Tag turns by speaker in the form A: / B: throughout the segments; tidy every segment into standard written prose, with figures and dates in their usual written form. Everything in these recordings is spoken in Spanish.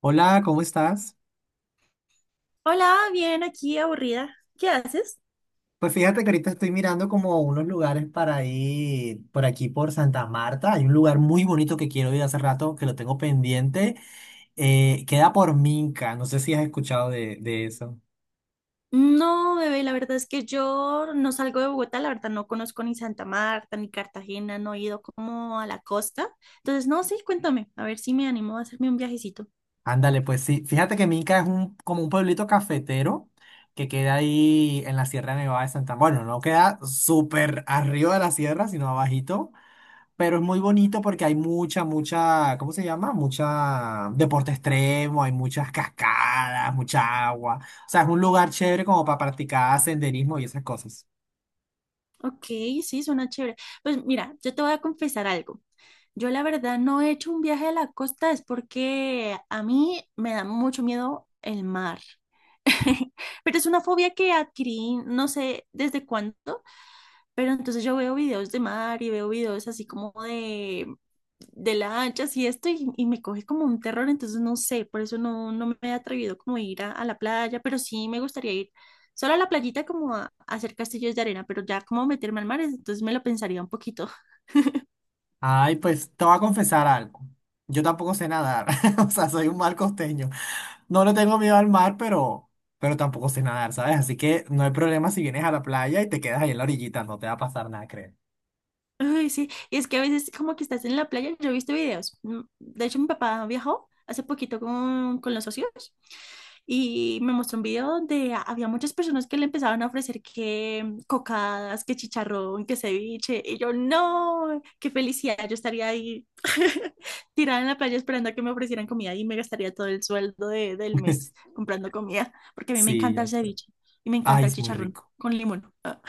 A: Hola, ¿cómo estás?
B: Hola, bien, aquí aburrida. ¿Qué haces?
A: Pues fíjate que ahorita estoy mirando como unos lugares para ir por aquí por Santa Marta. Hay un lugar muy bonito que quiero ir hace rato, que lo tengo pendiente. Queda por Minca, no sé si has escuchado de eso.
B: No, bebé, la verdad es que yo no salgo de Bogotá, la verdad no conozco ni Santa Marta ni Cartagena, no he ido como a la costa. Entonces, no, sí, cuéntame, a ver si me animo a hacerme un viajecito.
A: Ándale, pues sí. Fíjate que Minca es como un pueblito cafetero que queda ahí en la Sierra Nevada de Santa Marta. Bueno, no queda súper arriba de la sierra, sino abajito. Pero es muy bonito porque hay mucha, mucha, ¿cómo se llama? Mucha deporte extremo, hay muchas cascadas, mucha agua. O sea, es un lugar chévere como para practicar senderismo y esas cosas.
B: Ok, sí, suena chévere. Pues mira, yo te voy a confesar algo. Yo la verdad no he hecho un viaje a la costa, es porque a mí me da mucho miedo el mar. Pero es una fobia que adquirí, no sé desde cuándo. Pero entonces yo veo videos de mar y veo videos así como de lanchas y esto y me coge como un terror, entonces no sé, por eso no, no me he atrevido como a ir a la playa, pero sí me gustaría ir solo a la playita como a hacer castillos de arena, pero ya como meterme al mar, entonces me lo pensaría un poquito.
A: Ay, pues te voy a confesar algo. Yo tampoco sé nadar. O sea, soy un mal costeño. No le tengo miedo al mar, pero tampoco sé nadar, ¿sabes? Así que no hay problema si vienes a la playa y te quedas ahí en la orillita, no te va a pasar nada, creo.
B: Ay, sí, y es que a veces como que estás en la playa, yo he visto videos. De hecho, mi papá viajó hace poquito con los socios y me mostró un video donde había muchas personas que le empezaban a ofrecer que cocadas, que chicharrón, que ceviche, y yo, no, qué felicidad, yo estaría ahí tirada en la playa esperando a que me ofrecieran comida y me gastaría todo el sueldo del mes comprando comida, porque a mí me
A: Sí,
B: encanta
A: ya
B: el
A: sé.
B: ceviche y me
A: Ay,
B: encanta el
A: es muy
B: chicharrón
A: rico.
B: con limón, ah,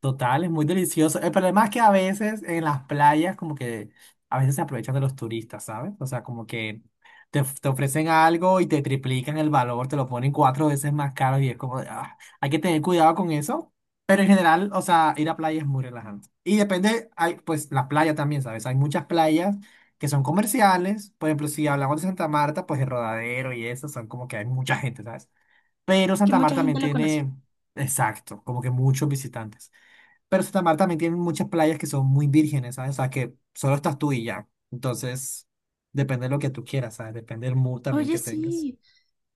A: Total, es muy delicioso. El problema es que a veces en las playas como que a veces se aprovechan de los turistas, ¿sabes? O sea, como que te ofrecen algo y te triplican el valor, te lo ponen cuatro veces más caro y es como, de, "Ah". Hay que tener cuidado con eso. Pero en general, o sea, ir a playa es muy relajante. Y depende, hay, pues la playa también, ¿sabes? Hay muchas playas que son comerciales. Por ejemplo, si hablamos de Santa Marta, pues el Rodadero y eso son como que hay mucha gente, ¿sabes? Pero
B: que
A: Santa
B: mucha
A: Marta también
B: gente lo conoce.
A: tiene, exacto, como que muchos visitantes. Pero Santa Marta también tiene muchas playas que son muy vírgenes, ¿sabes? O sea, que solo estás tú y ya. Entonces, depende de lo que tú quieras, ¿sabes? Depende del mood también
B: Oye,
A: que tengas.
B: sí.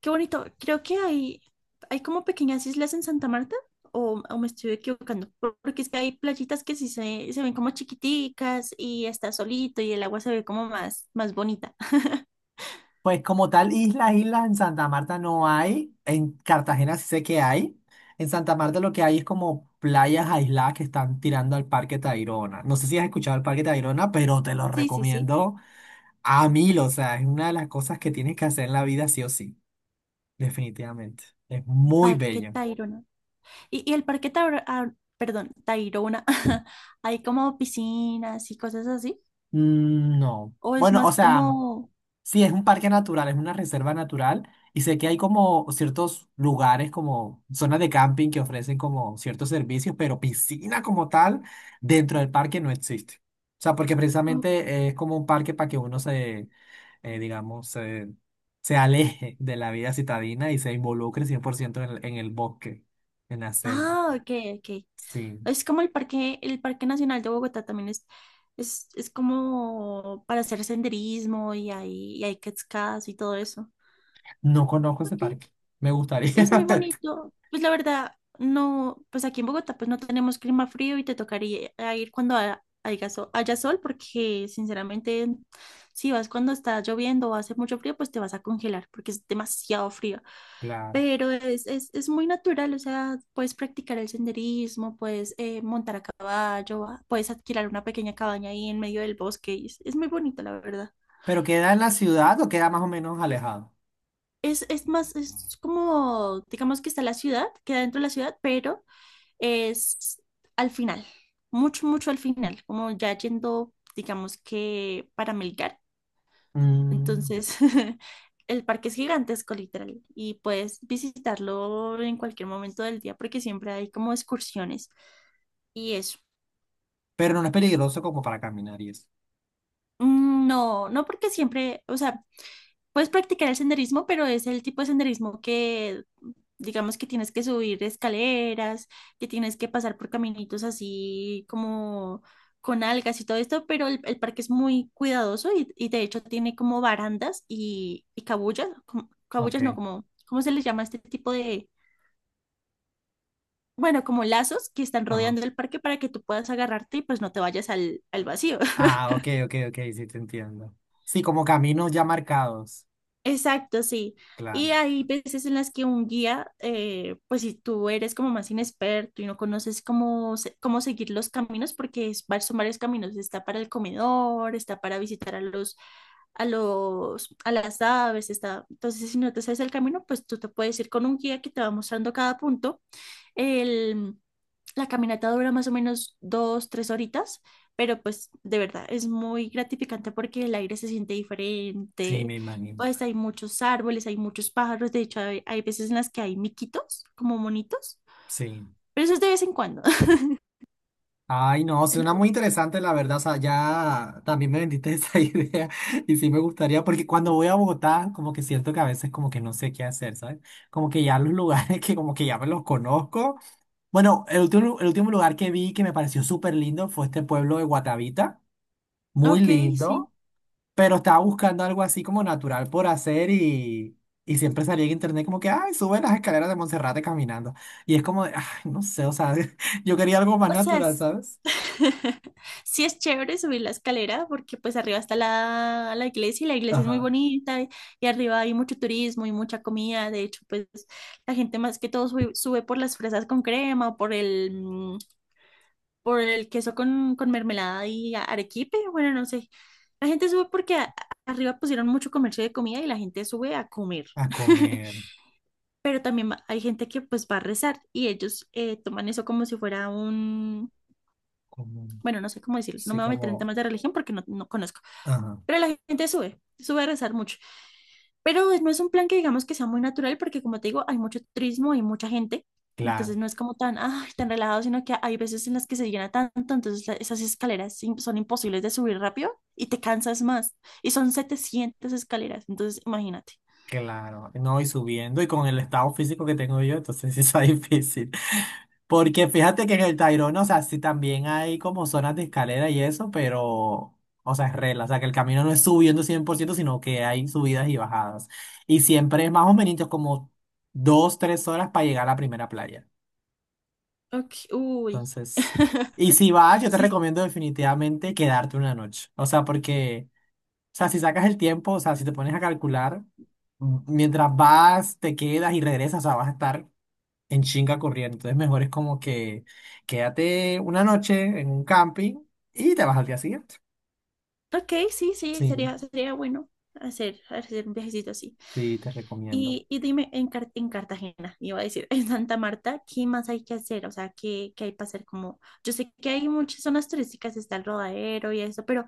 B: Qué bonito. Creo que hay como pequeñas islas en Santa Marta, o me estoy equivocando, porque es que hay playitas que sí se ven como chiquiticas y está solito y el agua se ve como más, más bonita.
A: Pues como tal, islas en Santa Marta no hay. En Cartagena sí sé que hay. En Santa Marta lo que hay es como playas aisladas que están tirando al Parque Tayrona. No sé si has escuchado el Parque Tayrona, pero te lo
B: Sí, sí, sí.
A: recomiendo a mil. O sea, es una de las cosas que tienes que hacer en la vida sí o sí, definitivamente. Es muy
B: Parque
A: bello.
B: Tayrona. Y el Parque Tayrona, perdón, Tayrona, hay como piscinas y cosas así,
A: Mm, no.
B: o es
A: Bueno, o
B: más
A: sea.
B: como...
A: Sí, es un parque natural, es una reserva natural y sé que hay como ciertos lugares, como zonas de camping que ofrecen como ciertos servicios, pero piscina como tal dentro del parque no existe. O sea, porque
B: Ok.
A: precisamente es como un parque para que uno se, digamos, se aleje de la vida citadina y se involucre 100% en el bosque, en la selva.
B: Ah, ok, ok.
A: Sí,
B: Es como el Parque Nacional de Bogotá también es como para hacer senderismo y hay cascadas y todo eso.
A: no conozco ese
B: Ok.
A: parque. Me gustaría.
B: Es muy bonito. Pues la verdad, no, pues aquí en Bogotá pues no tenemos clima frío y te tocaría ir cuando haya sol, haya sol porque sinceramente si vas cuando está lloviendo o hace mucho frío pues te vas a congelar porque es demasiado frío.
A: Claro.
B: Pero es muy natural, o sea, puedes practicar el senderismo, puedes montar a caballo, ah, puedes adquirir una pequeña cabaña ahí en medio del bosque. Y es muy bonito, la verdad.
A: ¿Pero queda en la ciudad o queda más o menos alejado?
B: Es más, es como, digamos que está la ciudad, queda dentro de la ciudad, pero es al final, mucho, mucho al final, como ya yendo, digamos que para Melgar.
A: Mm.
B: Entonces, el parque es gigantesco, literal, y puedes visitarlo en cualquier momento del día porque siempre hay como excursiones y es.
A: Pero no es peligroso como para caminar y eso.
B: Mm, no, no porque siempre, o sea, puedes practicar el senderismo, pero es el tipo de senderismo que, digamos que tienes que subir escaleras, que tienes que pasar por caminitos así como con algas y todo esto, pero el parque es muy cuidadoso y de hecho tiene como barandas y cabullas,
A: Ok,
B: cabullas no, como, ¿cómo se les llama este tipo de, bueno, como lazos que están
A: ajá.
B: rodeando el parque para que tú puedas agarrarte y pues no te vayas al, al vacío.
A: Ah, ok, ok, ok, sí te entiendo. Sí, como caminos ya marcados.
B: Exacto, sí. Y
A: Claro,
B: hay veces en las que un guía, pues si tú eres como más inexperto y no conoces cómo, cómo seguir los caminos, porque es, son varios caminos, está para el comedor, está para visitar a los, a los, a las aves, está. Entonces, si no te sabes el camino, pues tú te puedes ir con un guía que te va mostrando cada punto el, la caminata dura más o menos dos, tres horitas, pero pues de verdad es muy gratificante porque el aire se siente
A: sí,
B: diferente.
A: me imagino.
B: Pues hay muchos árboles, hay muchos pájaros, de hecho hay, hay veces en las que hay miquitos, como monitos,
A: Sí.
B: pero eso es de vez en cuando.
A: Ay, no,
B: Ent-
A: suena muy interesante, la verdad. O sea, ya también me vendiste esa idea y sí me gustaría, porque cuando voy a Bogotá, como que siento que a veces como que no sé qué hacer, ¿sabes? Como que ya los lugares que como que ya me los conozco. Bueno, el último lugar que vi que me pareció súper lindo fue este pueblo de Guatavita. Muy
B: Ok, sí.
A: lindo. Pero estaba buscando algo así como natural por hacer y siempre salía en internet como que, ay, sube las escaleras de Monserrate caminando. Y es como, de, ay, no sé, o sea, yo quería algo más
B: O sea,
A: natural, ¿sabes?
B: sí es chévere subir la escalera porque pues arriba está la, la iglesia y la iglesia es muy
A: Ajá.
B: bonita y arriba hay mucho turismo y mucha comida. De hecho, pues la gente más que todo sube, sube por las fresas con crema o por el, por el queso con mermelada y arequipe. Bueno, no sé. La gente sube porque arriba pusieron mucho comercio de comida y la gente sube a comer.
A: A comer,
B: Pero también hay gente que pues va a rezar y ellos toman eso como si fuera un
A: como,
B: bueno, no sé cómo decirlo, no
A: sí,
B: me voy a meter en
A: como,
B: temas de religión porque no, no conozco,
A: ajá,
B: pero la gente sube, sube a rezar mucho. Pero no es un plan que digamos que sea muy natural porque como te digo, hay mucho turismo, hay mucha gente, entonces
A: claro.
B: no es como tan, ay, tan relajado, sino que hay veces en las que se llena tanto, entonces esas escaleras son imposibles de subir rápido y te cansas más. Y son 700 escaleras, entonces imagínate.
A: Claro, no, y subiendo y con el estado físico que tengo yo, entonces sí está difícil. Porque fíjate que en el Tayrona, o sea, sí también hay como zonas de escalera y eso, pero, o sea, es regla, o sea, que el camino no es subiendo 100%, sino que hay subidas y bajadas. Y siempre es más o menos como 2, 3 horas para llegar a la primera playa.
B: Ok, uy.
A: Entonces, y si vas, yo te
B: Sí,
A: recomiendo definitivamente quedarte una noche, o sea, porque... O sea, si sacas el tiempo, o sea, si te pones a calcular, mientras vas, te quedas y regresas, o sea, vas a estar en chinga corriendo. Entonces, mejor es como que quédate una noche en un camping y te vas al día siguiente.
B: ok, sí, sí,
A: Sí,
B: sería, sería bueno hacer, hacer un viajecito así.
A: sí, te recomiendo.
B: Y dime, en, en Cartagena, iba a decir, en Santa Marta, ¿qué más hay que hacer? O sea, ¿qué, qué hay para hacer? Como, yo sé que hay muchas zonas turísticas, está el Rodadero y eso, pero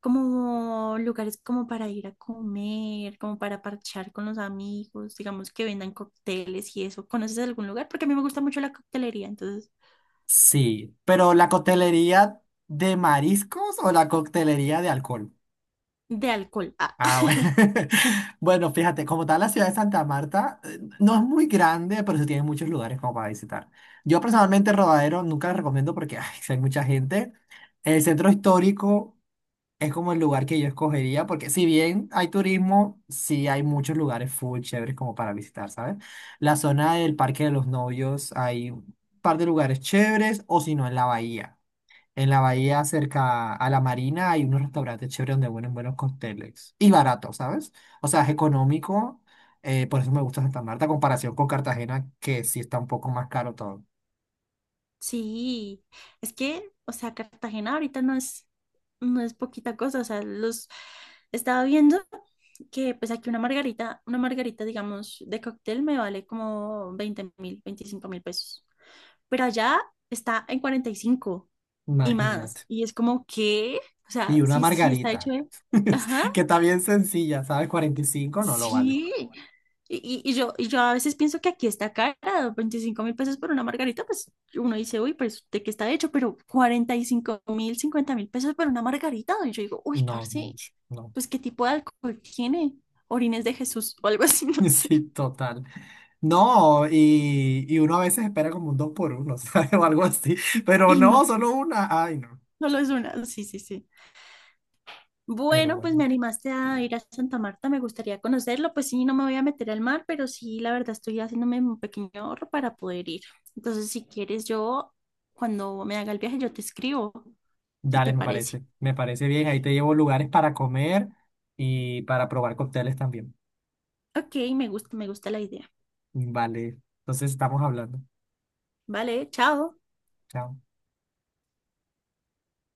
B: como lugares como para ir a comer, como para parchar con los amigos, digamos que vendan cócteles y eso. ¿Conoces algún lugar? Porque a mí me gusta mucho la coctelería, entonces,
A: Sí, pero ¿la coctelería de mariscos o la coctelería de alcohol?
B: de alcohol. Ah,
A: Ah, bueno. Bueno, fíjate, como tal, la ciudad de Santa Marta no es muy grande, pero sí tiene muchos lugares como para visitar. Yo personalmente el Rodadero nunca lo recomiendo porque ay, sí hay mucha gente. El centro histórico es como el lugar que yo escogería porque si bien hay turismo, sí hay muchos lugares full chéveres como para visitar, ¿sabes? La zona del Parque de los Novios hay un par de lugares chéveres o si no en la bahía. En la bahía cerca a la marina hay unos restaurantes chéveres donde venden buenos cócteles. Y barato, ¿sabes? O sea, es económico. Por eso me gusta Santa Marta, a comparación con Cartagena, que sí está un poco más caro todo.
B: sí, es que, o sea, Cartagena ahorita no es, no es poquita cosa, o sea, los estaba viendo que pues aquí una margarita, digamos, de cóctel me vale como 20.000, 25.000 pesos, pero allá está en 45 y más,
A: Imagínate.
B: y es como que, o sea,
A: Y una
B: sí, sí está hecho
A: margarita,
B: de, ajá,
A: que está bien sencilla, ¿sabes? 45 no lo vale.
B: sí. Y yo a veces pienso que aquí está cara, 25.000 pesos por una margarita, pues uno dice, uy, pues de qué está hecho, pero 45.000, 50.000 pesos por una margarita. Y yo digo, uy,
A: No,
B: parce,
A: mucho, no.
B: pues qué tipo de alcohol tiene, orines de Jesús o algo así, no sé.
A: Sí, total. No, y uno a veces espera como un 2 por 1, ¿sabes? O algo así. Pero
B: Y
A: no,
B: no,
A: solo una. Ay, no.
B: no lo es una, sí, sí, sí.
A: Pero
B: Bueno, pues me
A: bueno.
B: animaste a ir a Santa Marta, me gustaría conocerlo. Pues sí, no me voy a meter al mar, pero sí, la verdad estoy haciéndome un pequeño ahorro para poder ir. Entonces, si quieres, yo cuando me haga el viaje, yo te escribo, si
A: Dale,
B: te parece.
A: me parece bien. Ahí te llevo lugares para comer y para probar cócteles también.
B: Ok, me gusta la idea.
A: Vale, entonces estamos hablando.
B: Vale, chao.
A: Chao.